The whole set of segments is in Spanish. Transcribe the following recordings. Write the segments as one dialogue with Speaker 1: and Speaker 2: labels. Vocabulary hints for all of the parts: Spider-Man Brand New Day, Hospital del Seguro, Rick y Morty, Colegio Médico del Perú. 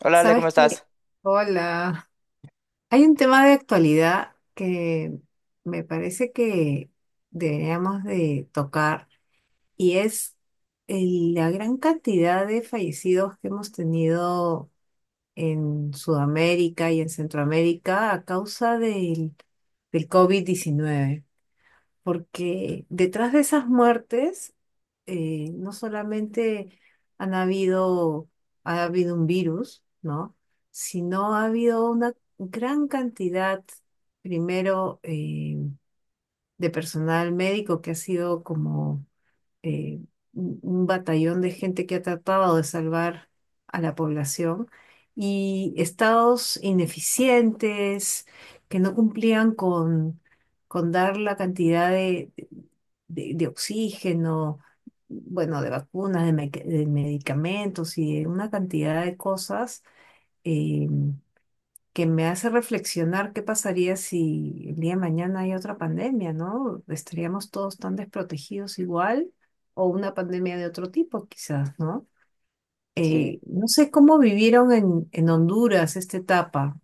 Speaker 1: Hola Ale,
Speaker 2: Sabes
Speaker 1: ¿cómo
Speaker 2: que,
Speaker 1: estás?
Speaker 2: hola, hay un tema de actualidad que me parece que deberíamos de tocar y es la gran cantidad de fallecidos que hemos tenido en Sudamérica y en Centroamérica a causa del COVID-19, porque detrás de esas muertes no solamente han habido, ha habido un virus, ¿no? Sino ha habido una gran cantidad, primero, de personal médico que ha sido como eh, un batallón de gente que ha tratado de salvar a la población y estados ineficientes que no cumplían con dar la cantidad de oxígeno, bueno, de vacunas, de, de medicamentos y de una cantidad de cosas eh, que me hace reflexionar qué pasaría si el día de mañana hay otra pandemia, ¿no? ¿Estaríamos todos tan desprotegidos igual o una pandemia de otro tipo quizás, ¿no?
Speaker 1: Sí,
Speaker 2: No sé cómo vivieron en Honduras esta etapa.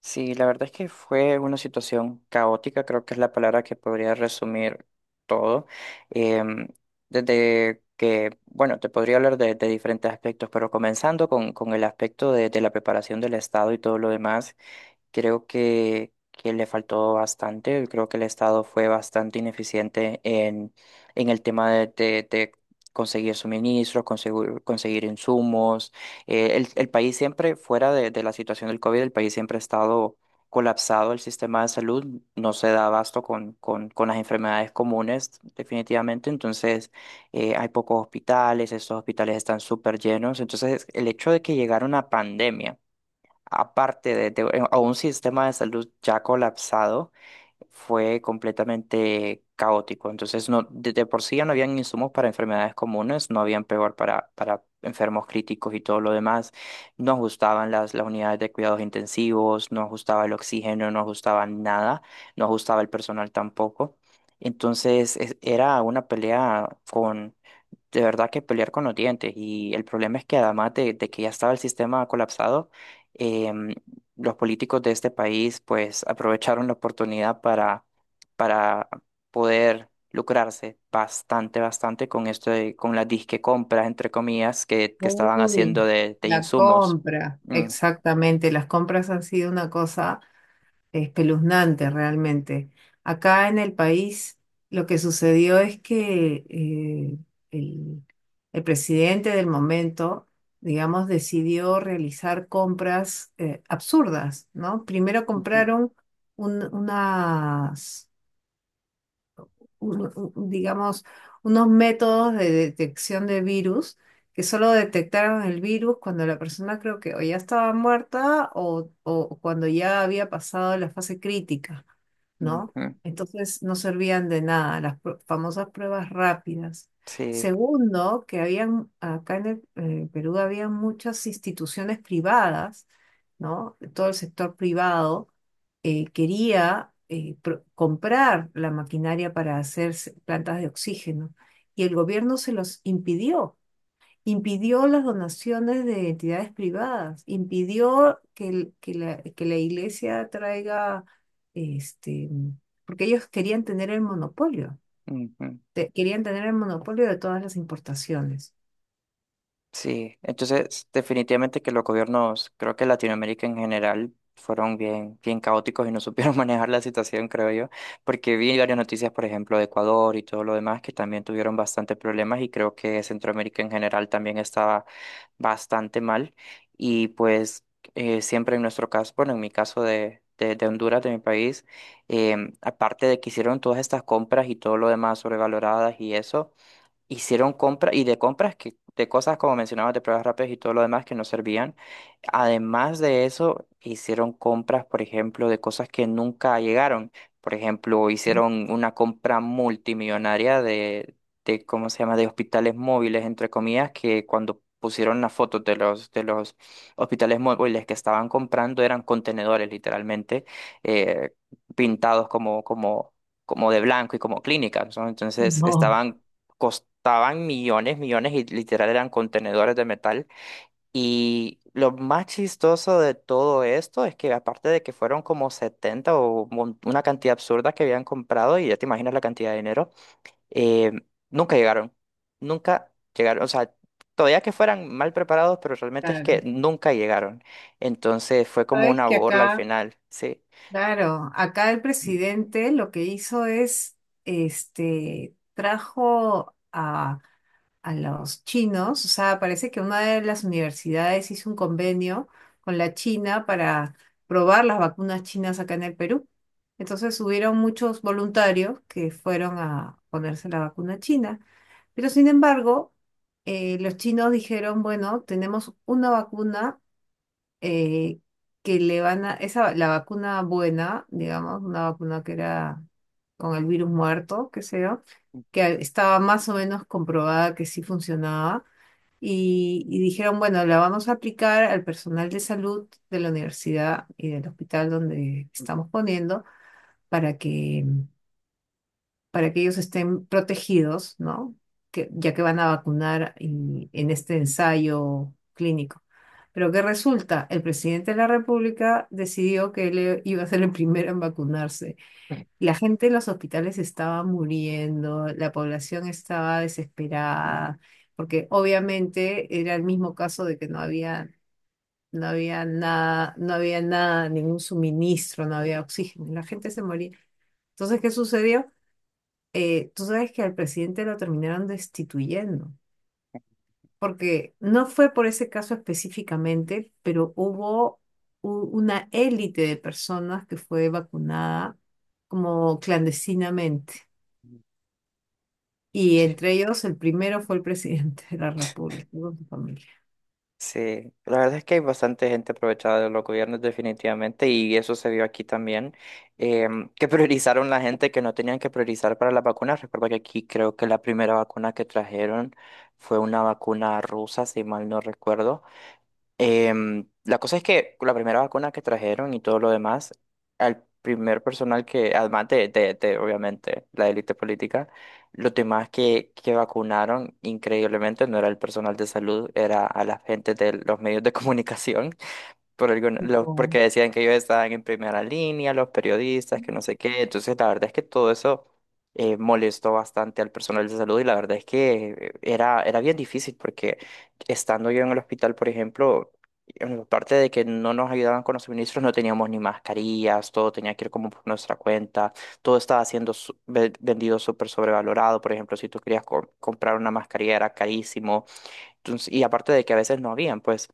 Speaker 1: sí, la verdad es que fue una situación caótica, creo que es la palabra que podría resumir todo. Em, Desde que, bueno, te podría hablar de diferentes aspectos, pero comenzando con el aspecto de la preparación del Estado y todo lo demás. Creo que le faltó bastante. Creo que el Estado fue bastante ineficiente en el tema de conseguir suministros, conseguir insumos. El país siempre, fuera de la situación del COVID, el país siempre ha estado colapsado. El sistema de salud no se da abasto con las enfermedades comunes, definitivamente. Entonces, hay pocos hospitales, estos hospitales están súper llenos. Entonces, el hecho de que llegara una pandemia aparte a un sistema de salud ya colapsado, fue completamente caótico. Entonces, no, de por sí ya no habían insumos para enfermedades comunes, no habían peor para enfermos críticos y todo lo demás. No ajustaban las unidades de cuidados intensivos, no ajustaba el oxígeno, no ajustaban nada, no ajustaba el personal tampoco. Entonces, era una pelea de verdad que pelear con los dientes. Y el problema es que además de que ya estaba el sistema colapsado, em, los políticos de este país pues aprovecharon la oportunidad para poder lucrarse bastante, bastante con esto con las disque compras, entre comillas, que estaban
Speaker 2: Uy,
Speaker 1: haciendo de
Speaker 2: la
Speaker 1: insumos.
Speaker 2: compra.
Speaker 1: Mm,
Speaker 2: Exactamente, las compras han sido una cosa espeluznante realmente. Acá en el país lo que sucedió es que el, el presidente del momento, digamos, decidió realizar compras absurdas, ¿no? Primero
Speaker 1: ujú,
Speaker 2: compraron un- unas digamos, unos métodos de detección de virus que solo detectaron el virus cuando la persona, creo que, o ya estaba muerta o cuando ya había pasado la fase crítica, ¿no?
Speaker 1: ujú,
Speaker 2: Entonces no servían de nada las famosas pruebas rápidas.
Speaker 1: sí.
Speaker 2: Segundo, que habían, acá en el, Perú, había muchas instituciones privadas, ¿no? Todo el sector privado quería, comprar la maquinaria para hacer plantas de oxígeno, y el gobierno se los impidió. Impidió las donaciones de entidades privadas, impidió que la iglesia traiga, este, porque ellos querían tener el monopolio,
Speaker 1: Ujú.
Speaker 2: querían tener el monopolio de todas las importaciones.
Speaker 1: Sí, entonces definitivamente que los gobiernos, creo que Latinoamérica en general, fueron bien, bien caóticos y no supieron manejar la situación, creo yo, porque vi varias noticias, por ejemplo, de Ecuador y todo lo demás, que también tuvieron bastantes problemas y creo que Centroamérica en general también estaba bastante mal. Y pues siempre en nuestro caso, bueno, en mi caso de Honduras, de mi país, aparte de que hicieron todas estas compras y todo lo demás sobrevaloradas y eso hicieron compras y de compras que de cosas como mencionabas de pruebas rápidas y todo lo demás que no servían. Además de eso, hicieron compras, por ejemplo, de cosas que nunca llegaron. Por ejemplo, hicieron una compra multimillonaria de ¿cómo se llama?, de hospitales móviles, entre comillas, que cuando pusieron las fotos de de los hospitales móviles que estaban comprando eran contenedores, literalmente, eh, pintados como de blanco y como clínicas, ¿no? Entonces
Speaker 2: No,
Speaker 1: estaban costaban millones, millones y literal eran contenedores de metal. Y lo más chistoso de todo esto es que aparte de que fueron como 70 una cantidad absurda que habían comprado, y ya te imaginas la cantidad de dinero, eh, nunca llegaron, nunca llegaron, o sea, todavía que fueran mal preparados, pero realmente es que
Speaker 2: claro.
Speaker 1: nunca llegaron. Entonces fue como
Speaker 2: Sabes
Speaker 1: una
Speaker 2: que
Speaker 1: burla al
Speaker 2: acá.
Speaker 1: final, sí,
Speaker 2: Claro, acá el presidente lo que hizo es, este, trajo a los chinos, o sea, parece que una de las universidades hizo un convenio con la China para probar las vacunas chinas acá en el Perú. Entonces hubieron muchos voluntarios que fueron a ponerse la vacuna china, pero sin embargo, los chinos dijeron, bueno, tenemos una vacuna eh, que le van a, esa, la vacuna buena, digamos, una vacuna que era con el virus muerto, que sea, que estaba más o menos comprobada que sí funcionaba, y dijeron, bueno, la vamos a aplicar al personal de salud de la universidad y del hospital donde estamos poniendo, para que para que ellos estén protegidos, ¿no? Que, ya que van a vacunar en este ensayo clínico. Pero ¿qué resulta? El presidente de la República decidió que él, iba a ser el primero en vacunarse. La gente en los hospitales estaba muriendo, la población estaba desesperada, porque obviamente era el mismo caso de que no había, no había nada, no había nada, ningún suministro, no había oxígeno, la gente se moría. Entonces, ¿qué sucedió? Tú sabes que al presidente lo terminaron destituyendo, porque no fue por ese caso específicamente, pero hubo una élite de personas que fue vacunada como clandestinamente. Y
Speaker 1: sí.
Speaker 2: entre ellos, el primero fue el presidente de la República con su familia.
Speaker 1: Sí, la verdad es que hay bastante gente aprovechada de los gobiernos definitivamente y eso se vio aquí también, que priorizaron la gente que no tenían que priorizar para las vacunas. Recuerda que aquí creo que la primera vacuna que trajeron fue una vacuna rusa, si mal no recuerdo. La cosa es que la primera vacuna que trajeron y todo lo demás, al primer personal que, además de, obviamente la élite política, los demás que vacunaron increíblemente no era el personal de salud, era a la gente de los medios de comunicación
Speaker 2: No.
Speaker 1: porque decían que ellos estaban en primera línea, los periodistas, que no sé qué. Entonces, la verdad es que todo eso molestó bastante al personal de salud y la verdad es que era bien difícil porque estando yo en el hospital, por ejemplo, en la parte de que no nos ayudaban con los suministros, no teníamos ni mascarillas, todo tenía que ir como por nuestra cuenta, todo estaba siendo vendido súper sobrevalorado. Por ejemplo, si tú querías comprar una mascarilla era carísimo. Entonces, y aparte de que a veces no habían, pues.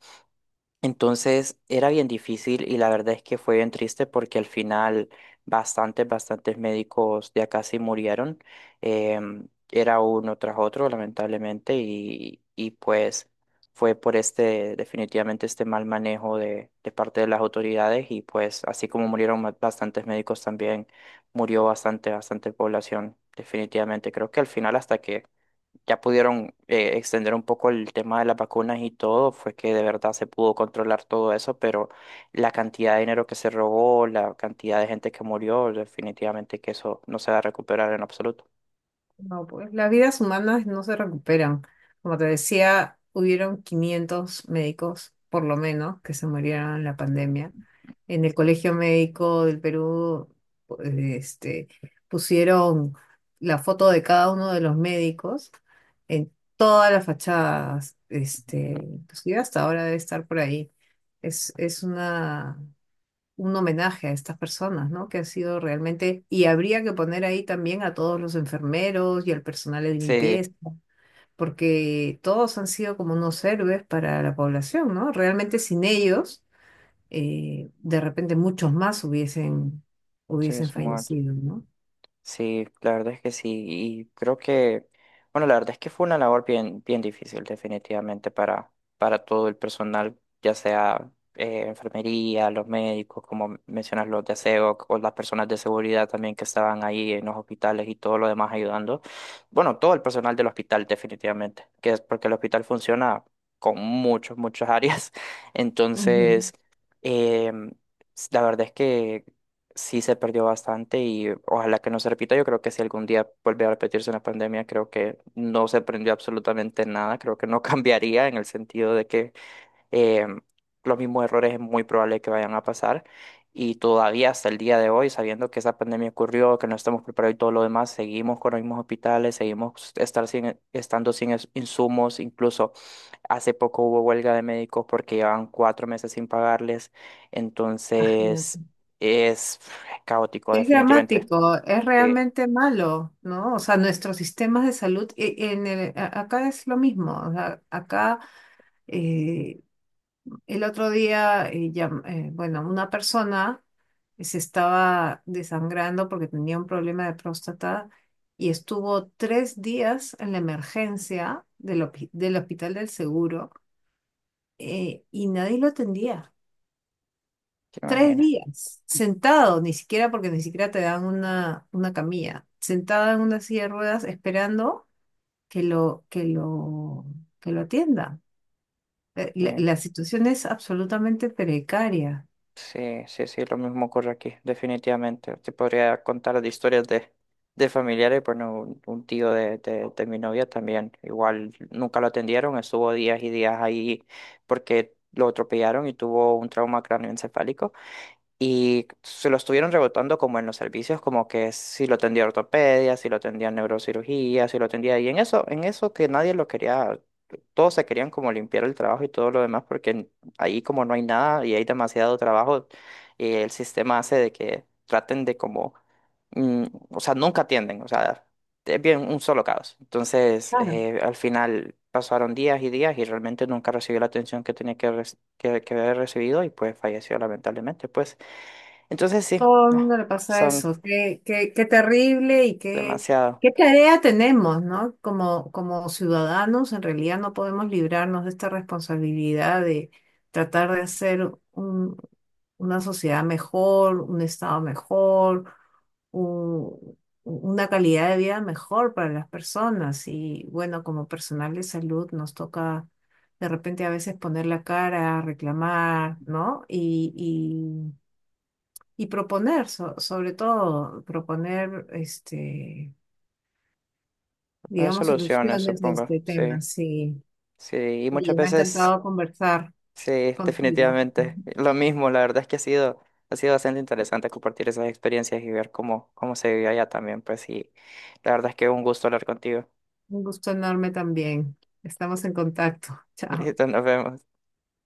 Speaker 1: Entonces era bien difícil y la verdad es que fue bien triste porque al final bastantes, bastantes médicos de acá sí murieron. Era uno tras otro, lamentablemente, y pues fue por este, definitivamente este mal manejo de parte de las autoridades y pues así como murieron bastantes médicos también murió bastante, bastante población. Definitivamente, creo que al final hasta que ya pudieron extender un poco el tema de las vacunas y todo, fue que de verdad se pudo controlar todo eso, pero la cantidad de dinero que se robó, la cantidad de gente que murió, definitivamente que eso no se va a recuperar en absoluto.
Speaker 2: No, pues las vidas humanas no se recuperan. Como te decía, hubieron 500 médicos, por lo menos, que se murieron en la pandemia. En el Colegio Médico del Perú, pues, este, pusieron la foto de cada uno de los médicos en todas las fachadas. Este, inclusive hasta ahora debe estar por ahí. Es una un homenaje a estas personas, ¿no? Que han sido realmente, y habría que poner ahí también a todos los enfermeros y al personal de
Speaker 1: Sí,
Speaker 2: limpieza, porque todos han sido como unos héroes para la población, ¿no? Realmente sin ellos, de repente muchos más
Speaker 1: sí,
Speaker 2: hubiesen
Speaker 1: somos.
Speaker 2: fallecido, ¿no?
Speaker 1: Sí, la verdad es que sí. Y creo que, bueno, la verdad es que fue una labor bien, bien difícil, definitivamente, para todo el personal, ya sea enfermería, los médicos, como mencionas, los de aseo, o las personas de seguridad también que estaban ahí en los hospitales y todo lo demás ayudando. Bueno, todo el personal del hospital, definitivamente, que es porque el hospital funciona muchas áreas.
Speaker 2: Ujú.
Speaker 1: Entonces, em, la verdad es que sí se perdió bastante y ojalá que no se repita. Yo creo que si algún día vuelve a repetirse una pandemia, creo que no se aprendió absolutamente nada. Creo que no cambiaría en el sentido de que eh, los mismos errores es muy probable que vayan a pasar. Y todavía hasta el día de hoy, sabiendo que esa pandemia ocurrió, que no estamos preparados y todo lo demás, seguimos con los mismos hospitales, seguimos estar sin, estando sin es- insumos. Incluso hace poco hubo huelga de médicos porque llevan 4 meses sin pagarles.
Speaker 2: Imagínate.
Speaker 1: Entonces es caótico,
Speaker 2: Es
Speaker 1: definitivamente.
Speaker 2: dramático, es
Speaker 1: Sí,
Speaker 2: realmente malo, ¿no? O sea, nuestros sistemas de salud, acá es lo mismo, o sea, acá... eh, El otro día, bueno, una persona se estaba desangrando porque tenía un problema de próstata y estuvo 3 días en la emergencia del Hospital del Seguro, y nadie lo atendía.
Speaker 1: se
Speaker 2: Tres
Speaker 1: imagina.
Speaker 2: días, sentado, ni siquiera, porque ni siquiera te dan una camilla, sentada en una silla de ruedas esperando que lo, que lo, que lo atienda. La situación es absolutamente precaria.
Speaker 1: Sí, sí, sí, lo mismo ocurre aquí, definitivamente. Te podría contar de historias de familiares, bueno, un tío de mi novia también, igual nunca lo atendieron, estuvo días y días ahí porque lo atropellaron y tuvo un trauma cráneoencefálico. Y se lo estuvieron rebotando como en los servicios, como que si lo tendía ortopedia, si lo tendía neurocirugía, si lo tendía. Y en eso que nadie lo quería, todos se querían como limpiar el trabajo y todo lo demás, porque ahí como no hay nada y hay demasiado trabajo, el sistema hace de que traten de o sea, nunca atienden, o sea, es bien un solo caos. Entonces, al final pasaron días y días y realmente nunca recibió la atención que tenía que haber recibido y pues falleció lamentablemente, pues. Entonces sí,
Speaker 2: Todo el mundo
Speaker 1: ah,
Speaker 2: le pasa
Speaker 1: son
Speaker 2: eso. Qué terrible y
Speaker 1: demasiado.
Speaker 2: qué tarea tenemos, ¿no? Como, como ciudadanos, en realidad no podemos librarnos de esta responsabilidad de tratar de hacer una sociedad mejor, un estado mejor, un- una calidad de vida mejor para las personas. Y bueno, como personal de salud nos toca de repente a veces poner la cara, reclamar, ¿no? Y proponer, sobre todo, proponer, este,
Speaker 1: No hay
Speaker 2: digamos,
Speaker 1: soluciones,
Speaker 2: soluciones a
Speaker 1: supongo.
Speaker 2: este
Speaker 1: Sí,
Speaker 2: tema. Sí.
Speaker 1: sí. Y muchas
Speaker 2: Oye, me ha
Speaker 1: veces,
Speaker 2: encantado conversar
Speaker 1: sí,
Speaker 2: contigo.
Speaker 1: definitivamente. Lo mismo, la verdad es que ha ha sido bastante interesante compartir esas experiencias y ver cómo, cómo se vive allá también, pues sí. La verdad es que un gusto hablar contigo.
Speaker 2: Un gusto enorme también. Estamos en contacto. Chao.
Speaker 1: Listo, nos vemos.